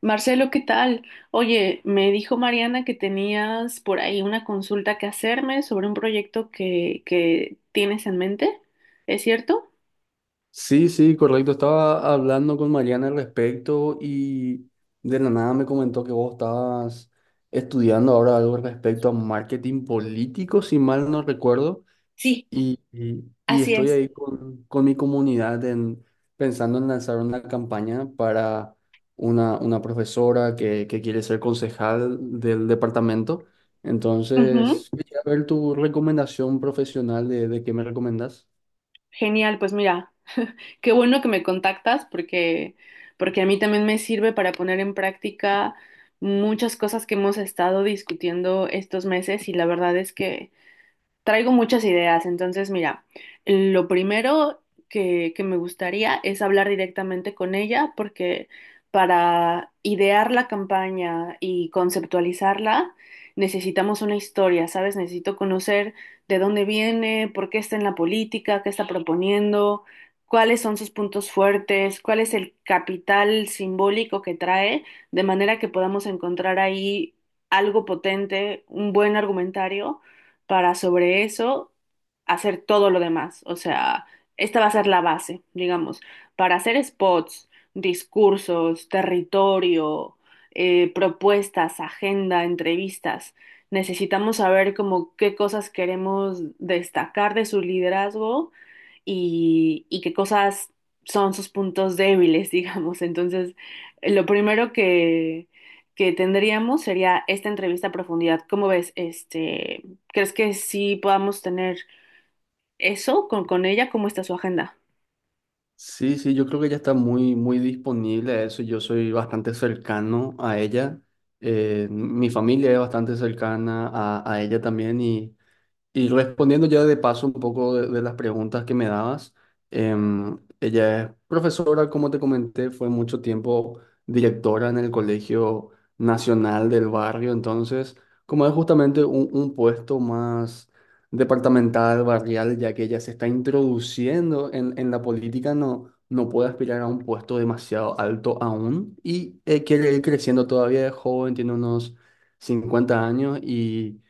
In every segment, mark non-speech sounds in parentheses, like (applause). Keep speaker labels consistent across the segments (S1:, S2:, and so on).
S1: Marcelo, ¿qué tal? Oye, me dijo Mariana que tenías por ahí una consulta que hacerme sobre un proyecto que tienes en mente, ¿es cierto?
S2: Sí, sí, correcto. Estaba hablando con Mariana al respecto y de la nada me comentó que vos estabas estudiando ahora algo respecto a marketing político, si mal no recuerdo,
S1: Sí,
S2: y
S1: así
S2: estoy
S1: es.
S2: ahí con mi comunidad en, pensando en lanzar una campaña para una profesora que quiere ser concejal del departamento.
S1: Ujú.
S2: Entonces, quería ver tu recomendación profesional de qué me recomendás.
S1: Genial, pues mira, qué bueno que me contactas porque a mí también me sirve para poner en práctica muchas cosas que hemos estado discutiendo estos meses y la verdad es que traigo muchas ideas. Entonces mira, lo primero que me gustaría es hablar directamente con ella porque para idear la campaña y conceptualizarla necesitamos una historia, ¿sabes? Necesito conocer de dónde viene, por qué está en la política, qué está proponiendo, cuáles son sus puntos fuertes, cuál es el capital simbólico que trae, de manera que podamos encontrar ahí algo potente, un buen argumentario para sobre eso hacer todo lo demás. O sea, esta va a ser la base, digamos, para hacer spots, discursos, territorio, propuestas, agenda, entrevistas. Necesitamos saber como qué cosas queremos destacar de su liderazgo y qué cosas son sus puntos débiles, (laughs) digamos. Entonces, lo primero que tendríamos sería esta entrevista a profundidad. ¿Cómo ves? Este, ¿crees que sí podamos tener eso con ella? ¿Cómo está su agenda?
S2: Sí, sí, yo creo que ella está muy disponible a eso. Yo soy bastante cercano a ella. Mi familia es bastante cercana a ella también y respondiendo ya de paso un poco de las preguntas que me dabas, ella es profesora, como te comenté, fue mucho tiempo directora en el Colegio Nacional del Barrio. Entonces, como es justamente un puesto más departamental, barrial, ya que ella se está introduciendo en la política, no, no puede aspirar a un puesto demasiado alto aún y quiere ir creciendo todavía, es joven, tiene unos 50 años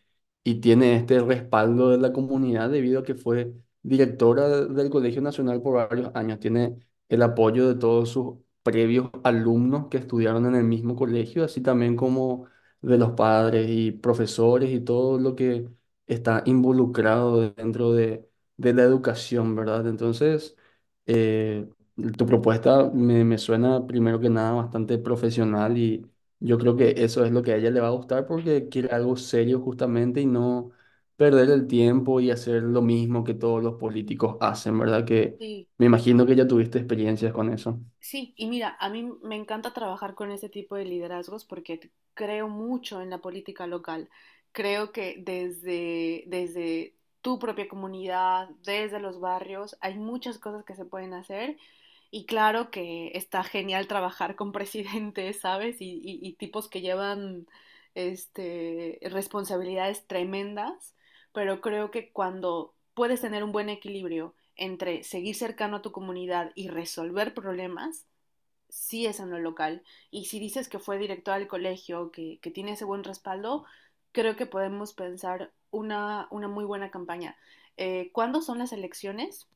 S2: y tiene este respaldo de la comunidad debido a que fue directora del Colegio Nacional por varios años. Tiene el apoyo de todos sus previos alumnos que estudiaron en el mismo colegio, así también como de los padres y profesores y todo lo que está involucrado dentro de la educación, ¿verdad? Entonces, eh, tu propuesta me suena primero que nada bastante profesional y yo creo que eso es lo que a ella le va a gustar porque quiere algo serio justamente y no perder el tiempo y hacer lo mismo que todos los políticos hacen, ¿verdad? Que
S1: Sí.
S2: me imagino que ya tuviste experiencias con eso.
S1: Sí, y mira, a mí me encanta trabajar con este tipo de liderazgos porque creo mucho en la política local. Creo que desde tu propia comunidad, desde los barrios, hay muchas cosas que se pueden hacer. Y claro que está genial trabajar con (laughs) presidentes, ¿sabes? Y tipos que llevan este, responsabilidades tremendas, pero creo que cuando puedes tener un buen equilibrio, entre seguir cercano a tu comunidad y resolver problemas, sí es en lo local. Y si dices que fue directora del colegio, que tiene ese buen respaldo, creo que podemos pensar una muy buena campaña. ¿Cuándo son las elecciones?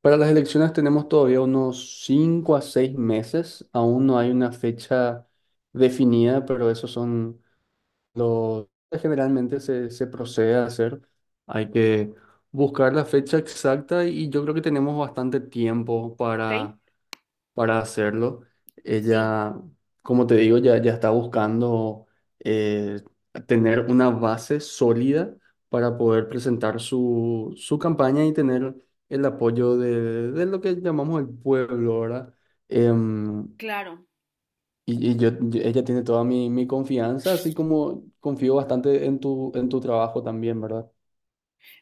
S2: Para las elecciones tenemos todavía unos 5 a 6 meses, aún no hay una fecha definida, pero esos son los que generalmente se procede a hacer. Hay que buscar la fecha exacta y yo creo que tenemos bastante tiempo
S1: Ok,
S2: para hacerlo.
S1: sí,
S2: Ella, como te digo, ya está buscando eh, tener una base sólida para poder presentar su campaña y tener el apoyo de lo que llamamos el pueblo, ¿verdad? Em,
S1: claro.
S2: y yo, ella tiene toda mi confianza, así como confío bastante en tu trabajo también, ¿verdad?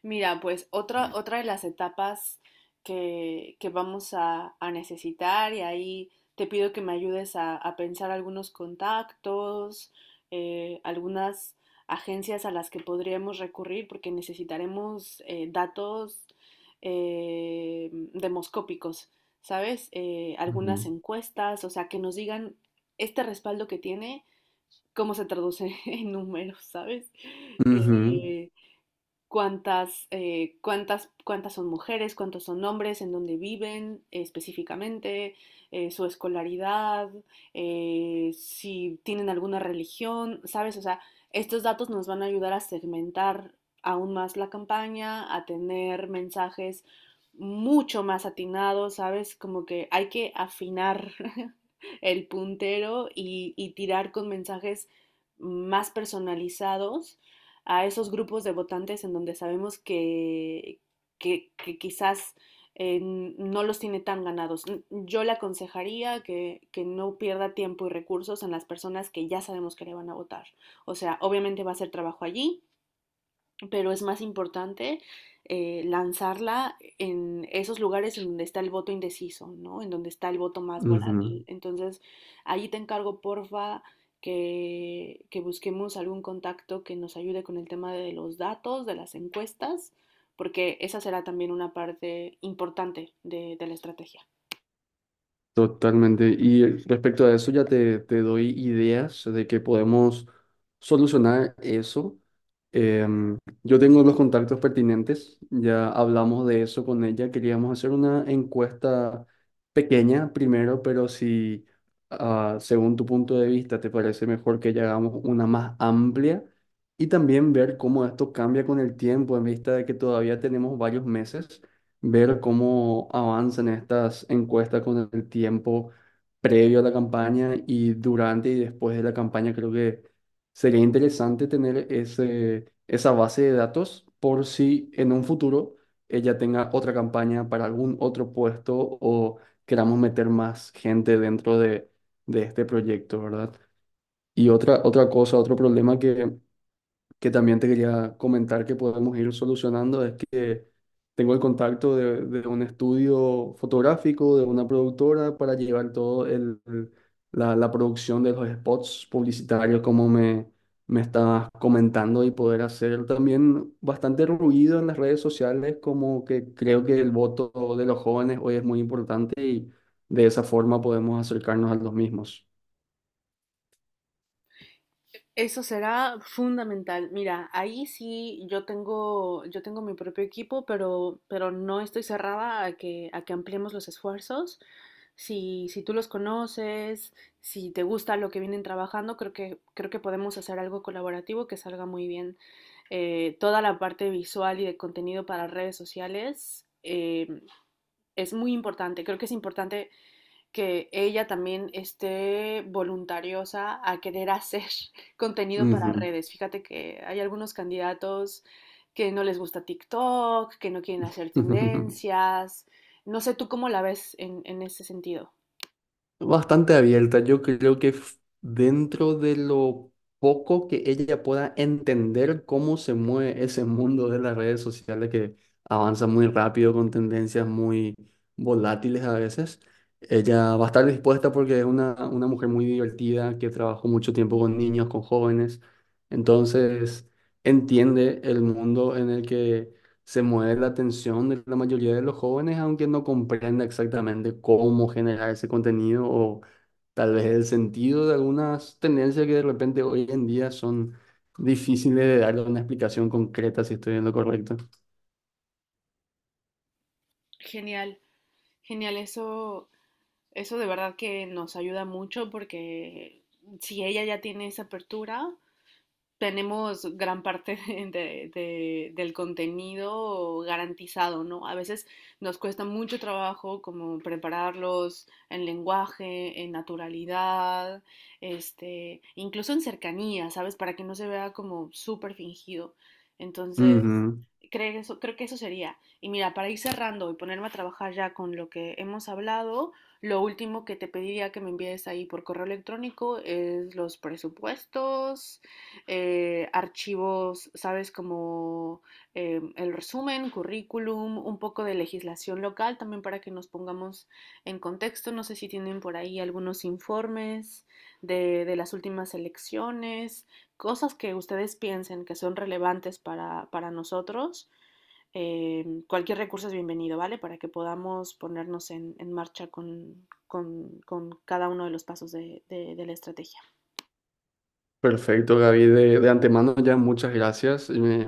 S1: Mira, pues otra de las etapas que vamos a necesitar y ahí te pido que me ayudes a pensar algunos contactos, algunas agencias a las que podríamos recurrir porque necesitaremos datos demoscópicos, ¿sabes? Algunas
S2: Ujú.
S1: encuestas, o sea, que nos digan este respaldo que tiene, cómo se traduce (laughs) en números, ¿sabes?
S2: Ujú,
S1: Eh, Cuántas, cuántas son mujeres, cuántos son hombres, en dónde viven específicamente, su escolaridad, si tienen alguna religión, ¿sabes? O sea, estos datos nos van a ayudar a segmentar aún más la campaña, a tener mensajes mucho más atinados, ¿sabes? Como que hay que afinar (laughs) el puntero y tirar con mensajes más personalizados a esos grupos de votantes en donde sabemos que quizás no los tiene tan ganados. Yo le aconsejaría que no pierda tiempo y recursos en las personas que ya sabemos que le van a votar. O sea, obviamente va a ser trabajo allí, pero es más importante lanzarla en esos lugares en donde está el voto indeciso, ¿no? En donde está el voto más
S2: ujú.
S1: volátil. Entonces, ahí te encargo, porfa, que busquemos algún contacto que nos ayude con el tema de los datos, de las encuestas, porque esa será también una parte importante de la estrategia.
S2: Totalmente. Y respecto a eso, ya te doy ideas de que podemos solucionar eso. Em, yo tengo los contactos pertinentes, ya hablamos de eso con ella. Queríamos hacer una encuesta pequeña primero, pero si ah, según tu punto de vista te parece mejor que ya hagamos una más amplia y también ver cómo esto cambia con el tiempo en vista de que todavía tenemos varios meses, ver cómo avanzan estas encuestas con el tiempo previo a la campaña y durante y después de la campaña. Creo que sería interesante tener ese, esa base de datos por si en un futuro ella tenga otra campaña para algún otro puesto o queramos meter más gente dentro de este proyecto, ¿verdad? Y otra, otra cosa, otro problema que también te quería comentar que podemos ir solucionando es que tengo el contacto de un estudio fotográfico, de una productora, para llevar todo el, la producción de los spots publicitarios, como me estabas comentando, y poder hacer también bastante ruido en las redes sociales, como que creo que el voto de los jóvenes hoy es muy importante y de esa forma podemos acercarnos a los mismos.
S1: Eso será fundamental. Mira, ahí sí yo tengo mi propio equipo, pero no estoy cerrada a que ampliemos los esfuerzos. Si tú los conoces, si te gusta lo que vienen trabajando, creo creo que podemos hacer algo colaborativo que salga muy bien. Toda la parte visual y de contenido para redes sociales es muy importante. Creo que es importante que ella también esté voluntariosa a querer hacer (laughs) contenido para
S2: Ujú.
S1: redes. Fíjate que hay algunos candidatos que no les gusta TikTok, que no quieren hacer
S2: (laughs)
S1: tendencias. No sé tú cómo la ves en ese sentido.
S2: Bastante abierta. Yo creo que dentro de lo poco que ella pueda entender cómo se mueve ese mundo de las redes sociales, que avanza muy rápido con tendencias muy volátiles a veces, ella va a estar dispuesta porque es una mujer muy divertida que trabajó mucho tiempo con niños, con jóvenes. Entonces, entiende el mundo en el que se mueve la atención de la mayoría de los jóvenes, aunque no comprenda exactamente cómo generar ese contenido o tal vez el sentido de algunas tendencias que de repente hoy en día son difíciles de darle una explicación concreta, si estoy en lo correcto.
S1: Genial, genial. Eso de verdad que nos ayuda mucho porque si ella ya tiene esa apertura, tenemos gran parte (laughs) del contenido garantizado, ¿no? A veces nos cuesta mucho trabajo como prepararlos en lenguaje, en naturalidad, este, incluso en cercanía, ¿sabes? Para que no se vea como súper fingido. Entonces,
S2: Ujú.
S1: creo que eso sería. Y mira, para ir cerrando y ponerme a trabajar ya con lo que hemos hablado, lo último que te pediría que me envíes ahí por correo electrónico es los presupuestos, archivos, ¿sabes? Como el resumen, currículum, un poco de legislación local también para que nos pongamos en contexto. No sé si tienen por ahí algunos informes de las últimas elecciones, cosas que ustedes piensen que son relevantes para nosotros. Cualquier recurso es bienvenido, ¿vale? Para que podamos ponernos en marcha con cada uno de los pasos de la estrategia.
S2: Perfecto, Gaby. De antemano ya muchas gracias.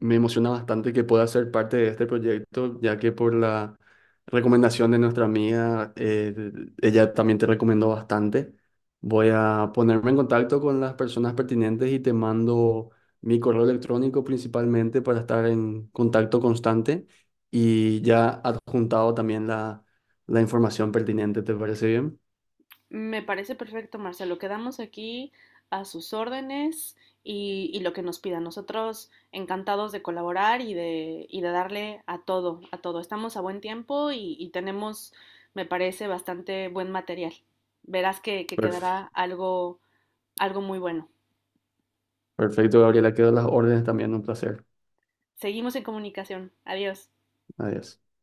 S2: Me emociona bastante que pueda ser parte de este proyecto, ya que por la recomendación de nuestra amiga, ella también te recomendó bastante. Voy a ponerme en contacto con las personas pertinentes y te mando mi correo electrónico principalmente para estar en contacto constante y ya adjuntado también la información pertinente. ¿Te parece bien?
S1: Me parece perfecto, Marcelo. Quedamos aquí a sus órdenes y lo que nos pidan. Nosotros encantados de colaborar y y de darle a todo, a todo. Estamos a buen tiempo y tenemos, me parece, bastante buen material. Verás que
S2: Perf-
S1: quedará algo, algo muy bueno.
S2: perfecto, Gabriela. Quedan las órdenes también. Un placer.
S1: Seguimos en comunicación. Adiós.
S2: Adiós.